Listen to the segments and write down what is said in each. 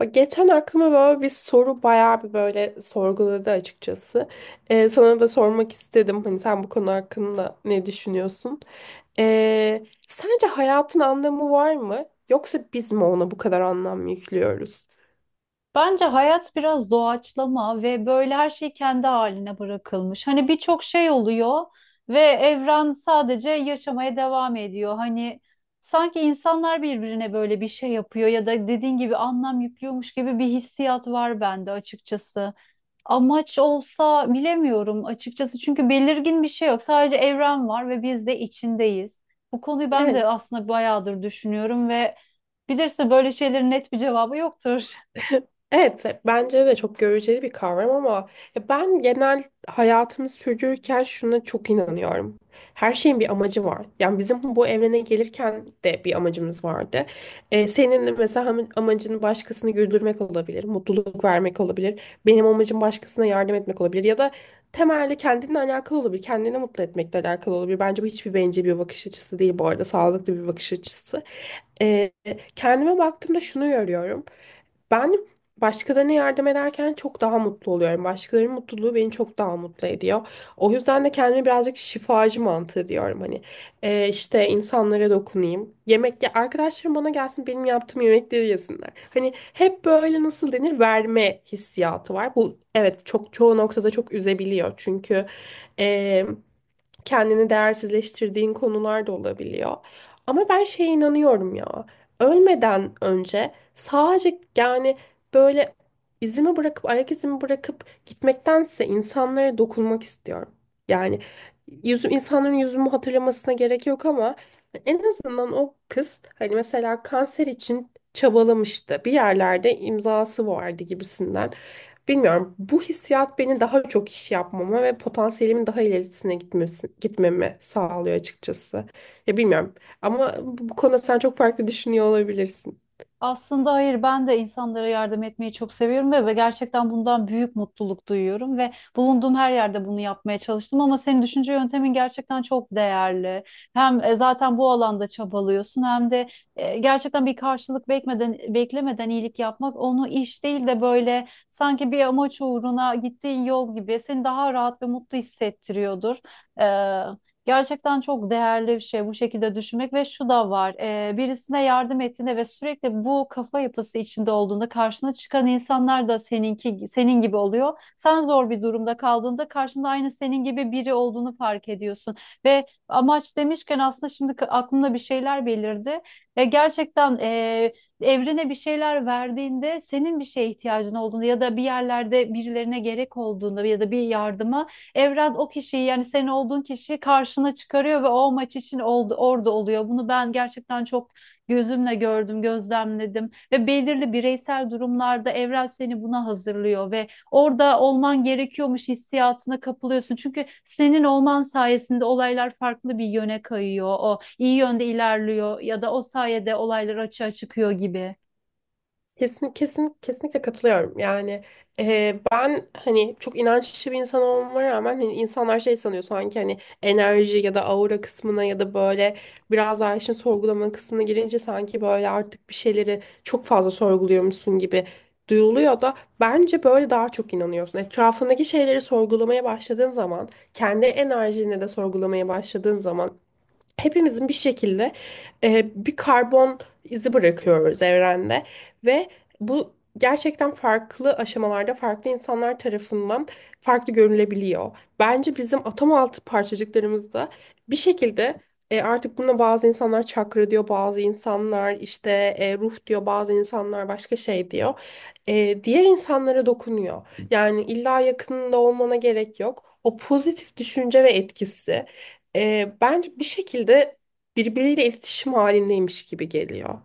Bak geçen aklıma böyle bir soru bayağı bir böyle sorguladı açıkçası. Sana da sormak istedim. Hani sen bu konu hakkında ne düşünüyorsun? Sence hayatın anlamı var mı? Yoksa biz mi ona bu kadar anlam yüklüyoruz? Bence hayat biraz doğaçlama ve böyle her şey kendi haline bırakılmış. Hani birçok şey oluyor ve evren sadece yaşamaya devam ediyor. Hani sanki insanlar birbirine böyle bir şey yapıyor ya da dediğin gibi anlam yüklüyormuş gibi bir hissiyat var bende açıkçası. Amaç olsa bilemiyorum açıkçası çünkü belirgin bir şey yok. Sadece evren var ve biz de içindeyiz. Bu konuyu ben Evet. de aslında bayağıdır düşünüyorum ve bilirsin böyle şeylerin net bir cevabı yoktur. Evet, bence de çok göreceli bir kavram ama ya ben genel hayatımı sürdürürken şuna çok inanıyorum. Her şeyin bir amacı var. Yani bizim bu evrene gelirken de bir amacımız vardı. Senin de mesela amacın başkasını güldürmek olabilir, mutluluk vermek olabilir. Benim amacım başkasına yardım etmek olabilir ya da temelli kendinle alakalı olabilir, kendini mutlu etmekle alakalı olabilir. Bence bu hiçbir bencil bir bakış açısı değil bu arada, sağlıklı bir bakış açısı. Ee, Kendime baktığımda şunu görüyorum. Ben başkalarına yardım ederken çok daha mutlu oluyorum. Başkalarının mutluluğu beni çok daha mutlu ediyor. O yüzden de kendime birazcık şifacı mantığı diyorum. Hani işte insanlara dokunayım. Yemek ya arkadaşlarım bana gelsin benim yaptığım yemekleri yesinler. Hani hep böyle nasıl denir verme hissiyatı var. Bu evet çok çoğu noktada çok üzebiliyor. Çünkü e, kendini değersizleştirdiğin konular da olabiliyor. Ama ben şeye inanıyorum ya. Ölmeden önce sadece yani böyle izimi bırakıp ayak izimi bırakıp gitmektense insanlara dokunmak istiyorum. Yani yüzüm insanların yüzümü hatırlamasına gerek yok ama en azından o kız hani mesela kanser için çabalamıştı. Bir yerlerde imzası vardı gibisinden. Bilmiyorum. Bu hissiyat beni daha çok iş yapmama ve potansiyelimin daha ilerisine gitmesi, gitmemi sağlıyor açıkçası. Ya bilmiyorum. Ama bu konuda sen çok farklı düşünüyor olabilirsin. Aslında hayır ben de insanlara yardım etmeyi çok seviyorum ve gerçekten bundan büyük mutluluk duyuyorum ve bulunduğum her yerde bunu yapmaya çalıştım ama senin düşünce yöntemin gerçekten çok değerli. Hem zaten bu alanda çabalıyorsun hem de gerçekten bir karşılık beklemeden iyilik yapmak onu iş değil de böyle sanki bir amaç uğruna gittiğin yol gibi seni daha rahat ve mutlu hissettiriyordur. Gerçekten çok değerli bir şey bu şekilde düşünmek ve şu da var. Birisine yardım ettiğinde ve sürekli bu kafa yapısı içinde olduğunda karşına çıkan insanlar da senin gibi oluyor. Sen zor bir durumda kaldığında karşında aynı senin gibi biri olduğunu fark ediyorsun. Ve amaç demişken aslında şimdi aklımda bir şeyler belirdi. Gerçekten evrene bir şeyler verdiğinde senin bir şeye ihtiyacın olduğunda ya da bir yerlerde birilerine gerek olduğunda ya da bir yardıma evren o kişiyi yani senin olduğun kişiyi karşına çıkarıyor ve o maç için oldu, orada oluyor. Bunu ben gerçekten çok gözümle gördüm, gözlemledim ve belirli bireysel durumlarda evren seni buna hazırlıyor ve orada olman gerekiyormuş hissiyatına kapılıyorsun. Çünkü senin olman sayesinde olaylar farklı bir yöne kayıyor. O iyi yönde ilerliyor ya da o sayede olaylar açığa çıkıyor gibi. Kesin, kesin, kesinlikle katılıyorum. Yani ben hani çok inançlı bir insan olmama rağmen hani insanlar şey sanıyor sanki hani enerji ya da aura kısmına ya da böyle biraz daha işin sorgulama kısmına girince sanki böyle artık bir şeyleri çok fazla sorguluyormuşsun gibi duyuluyor da bence böyle daha çok inanıyorsun. Etrafındaki şeyleri sorgulamaya başladığın zaman kendi enerjini de sorgulamaya başladığın zaman hepimizin bir şekilde bir karbon izi bırakıyoruz evrende ve bu gerçekten farklı aşamalarda farklı insanlar tarafından farklı görülebiliyor. Bence bizim atom altı parçacıklarımızda bir şekilde artık buna bazı insanlar çakra diyor, bazı insanlar işte ruh diyor, bazı insanlar başka şey diyor. Diğer insanlara dokunuyor. Yani illa yakınında olmana gerek yok. O pozitif düşünce ve etkisi bence bir şekilde birbiriyle iletişim halindeymiş gibi geliyor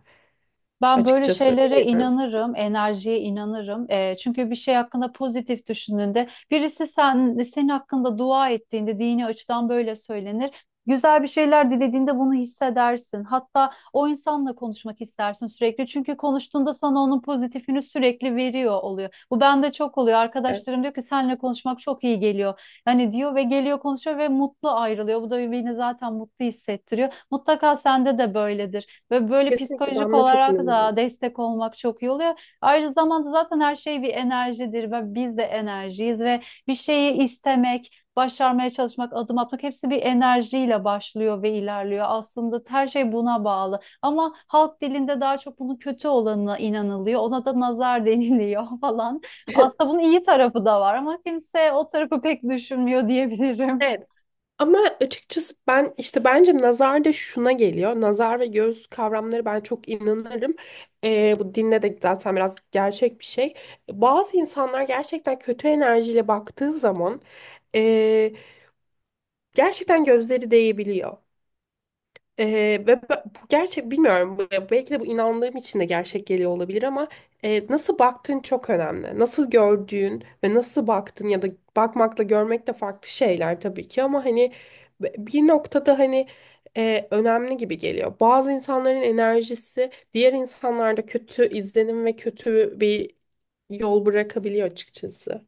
Ben böyle açıkçası. şeylere Bilmiyorum. inanırım, enerjiye inanırım. Çünkü bir şey hakkında pozitif düşündüğünde, senin hakkında dua ettiğinde, dini açıdan böyle söylenir. Güzel bir şeyler dilediğinde bunu hissedersin. Hatta o insanla konuşmak istersin sürekli. Çünkü konuştuğunda sana onun pozitifini sürekli veriyor oluyor. Bu bende çok oluyor. Evet. Arkadaşlarım diyor ki seninle konuşmak çok iyi geliyor. Hani diyor ve geliyor konuşuyor ve mutlu ayrılıyor. Bu da beni zaten mutlu hissettiriyor. Mutlaka sende de böyledir. Ve böyle Kesinlikle ben psikolojik buna çok olarak da inanıyorum. destek olmak çok iyi oluyor. Ayrıca zamanda zaten her şey bir enerjidir ve biz de enerjiyiz ve bir şeyi istemek, başarmaya çalışmak, adım atmak hepsi bir enerjiyle başlıyor ve ilerliyor. Aslında her şey buna bağlı. Ama halk dilinde daha çok bunun kötü olanına inanılıyor. Ona da nazar deniliyor falan. Aslında bunun iyi tarafı da var ama kimse o tarafı pek düşünmüyor diyebilirim. Evet, ama açıkçası ben işte bence nazar da şuna geliyor. Nazar ve göz kavramları ben çok inanırım. Bu dinde de zaten biraz gerçek bir şey. Bazı insanlar gerçekten kötü enerjiyle baktığı zaman ee, gerçekten gözleri değebiliyor. Ve bu gerçek bilmiyorum belki de bu inandığım için de gerçek geliyor olabilir ama nasıl baktığın çok önemli. Nasıl gördüğün ve nasıl baktın ya da bakmakla görmek de farklı şeyler tabii ki ama hani bir noktada hani önemli gibi geliyor. Bazı insanların enerjisi diğer insanlarda kötü izlenim ve kötü bir yol bırakabiliyor açıkçası.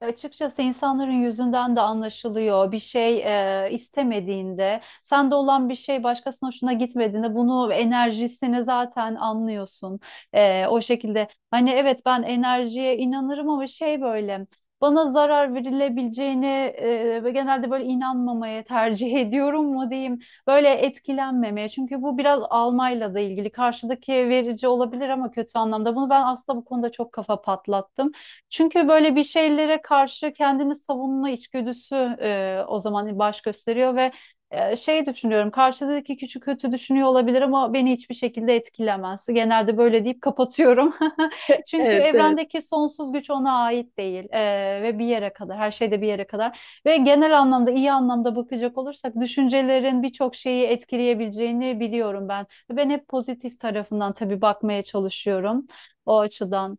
Açıkçası insanların yüzünden de anlaşılıyor. Bir şey istemediğinde, sende olan bir şey başkasının hoşuna gitmediğinde bunu enerjisini zaten anlıyorsun. O şekilde hani evet ben enerjiye inanırım ama şey böyle bana zarar verilebileceğini ve genelde böyle inanmamaya tercih ediyorum mu diyeyim. Böyle etkilenmemeye. Çünkü bu biraz almayla da ilgili. Karşıdaki verici olabilir ama kötü anlamda. Bunu ben aslında bu konuda çok kafa patlattım. Çünkü böyle bir şeylere karşı kendini savunma içgüdüsü o zaman baş gösteriyor ve şey düşünüyorum karşıdaki küçük kötü düşünüyor olabilir ama beni hiçbir şekilde etkilemez. Genelde böyle deyip kapatıyorum. Çünkü Evet, evet. evrendeki sonsuz güç ona ait değil ve bir yere kadar her şeyde bir yere kadar ve genel anlamda iyi anlamda bakacak olursak düşüncelerin birçok şeyi etkileyebileceğini biliyorum ben. Ben hep pozitif tarafından tabii bakmaya çalışıyorum o açıdan.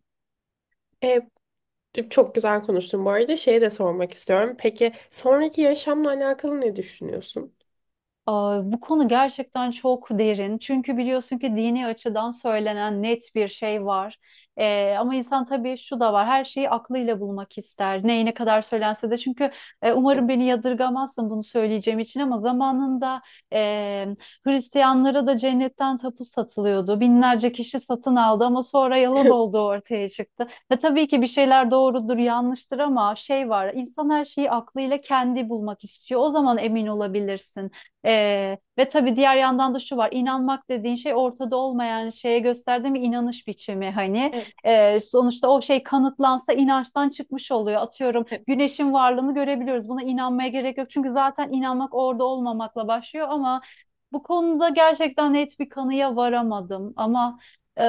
E, Çok güzel konuştun bu arada. Şeyi de sormak istiyorum. Peki sonraki yaşamla alakalı ne düşünüyorsun? Aa, bu konu gerçekten çok derin. Çünkü biliyorsun ki dini açıdan söylenen net bir şey var. Ama insan tabii şu da var. Her şeyi aklıyla bulmak ister. Neyine kadar söylense de. Çünkü umarım beni yadırgamazsın bunu söyleyeceğim için ama zamanında e, Hristiyanlara da cennetten tapu satılıyordu. Binlerce kişi satın aldı ama sonra yalan olduğu ortaya çıktı. Ve tabii ki bir şeyler doğrudur, yanlıştır ama şey var. İnsan her şeyi aklıyla kendi bulmak istiyor. O zaman emin olabilirsin. Ve tabii diğer yandan da şu var, inanmak dediğin şey ortada olmayan şeye gösterdiğim bir inanış biçimi hani. Evet. Sonuçta o şey kanıtlansa inançtan çıkmış oluyor. Atıyorum güneşin varlığını görebiliyoruz, buna inanmaya gerek yok çünkü zaten inanmak orada olmamakla başlıyor, ama bu konuda gerçekten net bir kanıya varamadım ama e,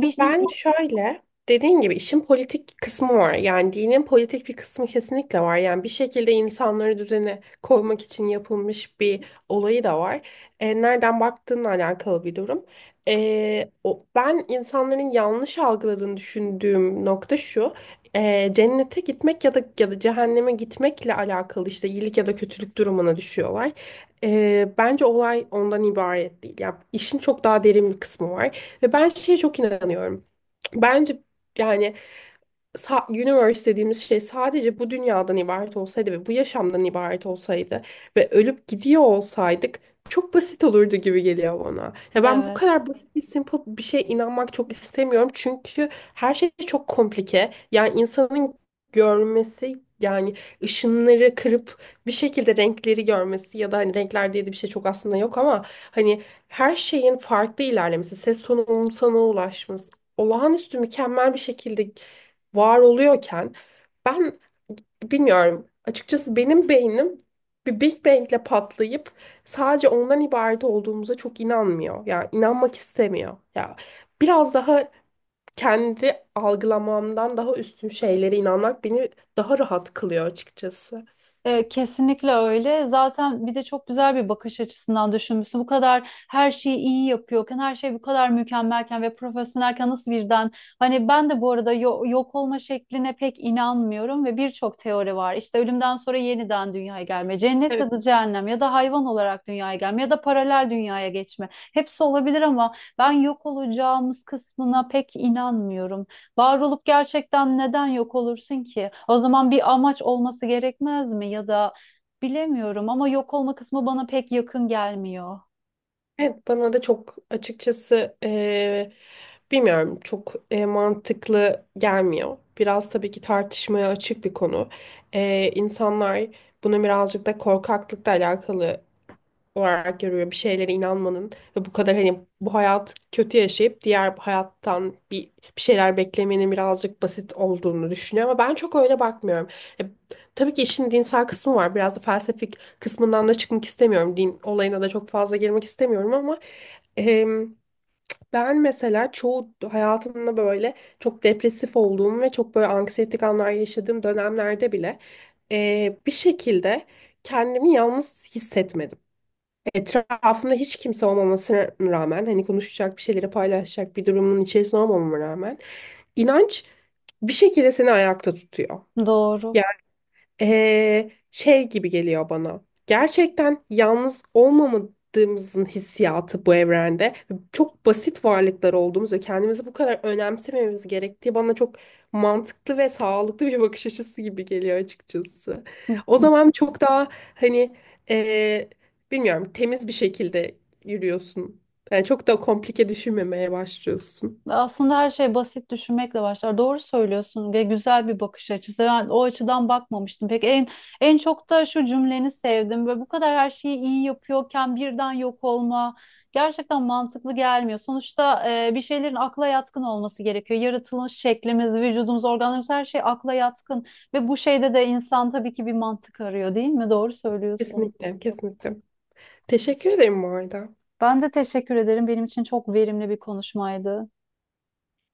bir Ben insan şöyle, dediğin gibi işin politik kısmı var. Yani dinin politik bir kısmı kesinlikle var. Yani bir şekilde insanları düzene koymak için yapılmış bir olayı da var. Nereden baktığınla alakalı bir durum. Ben insanların yanlış algıladığını düşündüğüm nokta şu. Cennete gitmek ya da cehenneme gitmekle alakalı işte iyilik ya da kötülük durumuna düşüyorlar. Bence olay ondan ibaret değil. Yani işin çok daha derin bir kısmı var. Ve ben şeye çok inanıyorum. Bence yani universe dediğimiz şey sadece bu dünyadan ibaret olsaydı ve bu yaşamdan ibaret olsaydı ve ölüp gidiyor olsaydık çok basit olurdu gibi geliyor bana. Ya ben bu evet. kadar basit bir simple bir şeye inanmak çok istemiyorum çünkü her şey çok komplike. Yani insanın görmesi yani ışınları kırıp bir şekilde renkleri görmesi ya da hani renkler diye de bir şey çok aslında yok ama hani her şeyin farklı ilerlemesi, ses tonunun sana ulaşması, olağanüstü mükemmel bir şekilde var oluyorken ben bilmiyorum. Açıkçası benim beynim bir Big Bang'le patlayıp sadece ondan ibaret olduğumuza çok inanmıyor. Yani inanmak istemiyor. Ya biraz daha kendi algılamamdan daha üstün şeylere inanmak beni daha rahat kılıyor açıkçası. Kesinlikle öyle. Zaten bir de çok güzel bir bakış açısından düşünmüşsün. Bu kadar her şeyi iyi yapıyorken, her şey bu kadar mükemmelken ve profesyonelken nasıl birden hani ben de bu arada yok olma şekline pek inanmıyorum ve birçok teori var. İşte ölümden sonra yeniden dünyaya gelme, cennet ya Evet. da cehennem ya da hayvan olarak dünyaya gelme ya da paralel dünyaya geçme. Hepsi olabilir ama ben yok olacağımız kısmına pek inanmıyorum. Var olup gerçekten neden yok olursun ki? O zaman bir amaç olması gerekmez mi? Ya da bilemiyorum ama yok olma kısmı bana pek yakın gelmiyor. Evet bana da çok açıkçası bilmiyorum çok mantıklı gelmiyor. Biraz tabii ki tartışmaya açık bir konu. İnsanlar bunu birazcık da korkaklıkla alakalı olarak görüyor. Bir şeylere inanmanın ve bu kadar hani bu hayat kötü yaşayıp diğer hayattan bir şeyler beklemenin birazcık basit olduğunu düşünüyor ama ben çok öyle bakmıyorum. E, tabii ki işin dinsel kısmı var. Biraz da felsefik kısmından da çıkmak istemiyorum. Din olayına da çok fazla girmek istemiyorum ama em, ben mesela çoğu hayatımda böyle çok depresif olduğum ve çok böyle anksiyetik anlar yaşadığım dönemlerde bile bir şekilde kendimi yalnız hissetmedim. Etrafımda hiç kimse olmamasına rağmen hani konuşacak bir şeyleri paylaşacak bir durumun içerisinde olmamama rağmen inanç bir şekilde seni ayakta tutuyor. Doğru. Şey gibi geliyor bana. Gerçekten yalnız olmamadığımızın hissiyatı bu evrende. Çok basit varlıklar olduğumuz ve kendimizi bu kadar önemsememiz gerektiği bana çok mantıklı ve sağlıklı bir bakış açısı gibi geliyor açıkçası. O zaman çok daha hani ee, bilmiyorum temiz bir şekilde yürüyorsun. Yani çok da komplike düşünmemeye başlıyorsun. Aslında her şey basit düşünmekle başlar. Doğru söylüyorsun ve güzel bir bakış açısı. Ben o açıdan bakmamıştım. Peki en çok da şu cümleni sevdim. Böyle bu kadar her şeyi iyi yapıyorken birden yok olma gerçekten mantıklı gelmiyor. Sonuçta bir şeylerin akla yatkın olması gerekiyor. Yaratılış şeklimiz, vücudumuz, organlarımız her şey akla yatkın ve bu şeyde de insan tabii ki bir mantık arıyor, değil mi? Doğru söylüyorsun. Kesinlikle, kesinlikle. Teşekkür ederim bu arada. Ben de teşekkür ederim. Benim için çok verimli bir konuşmaydı.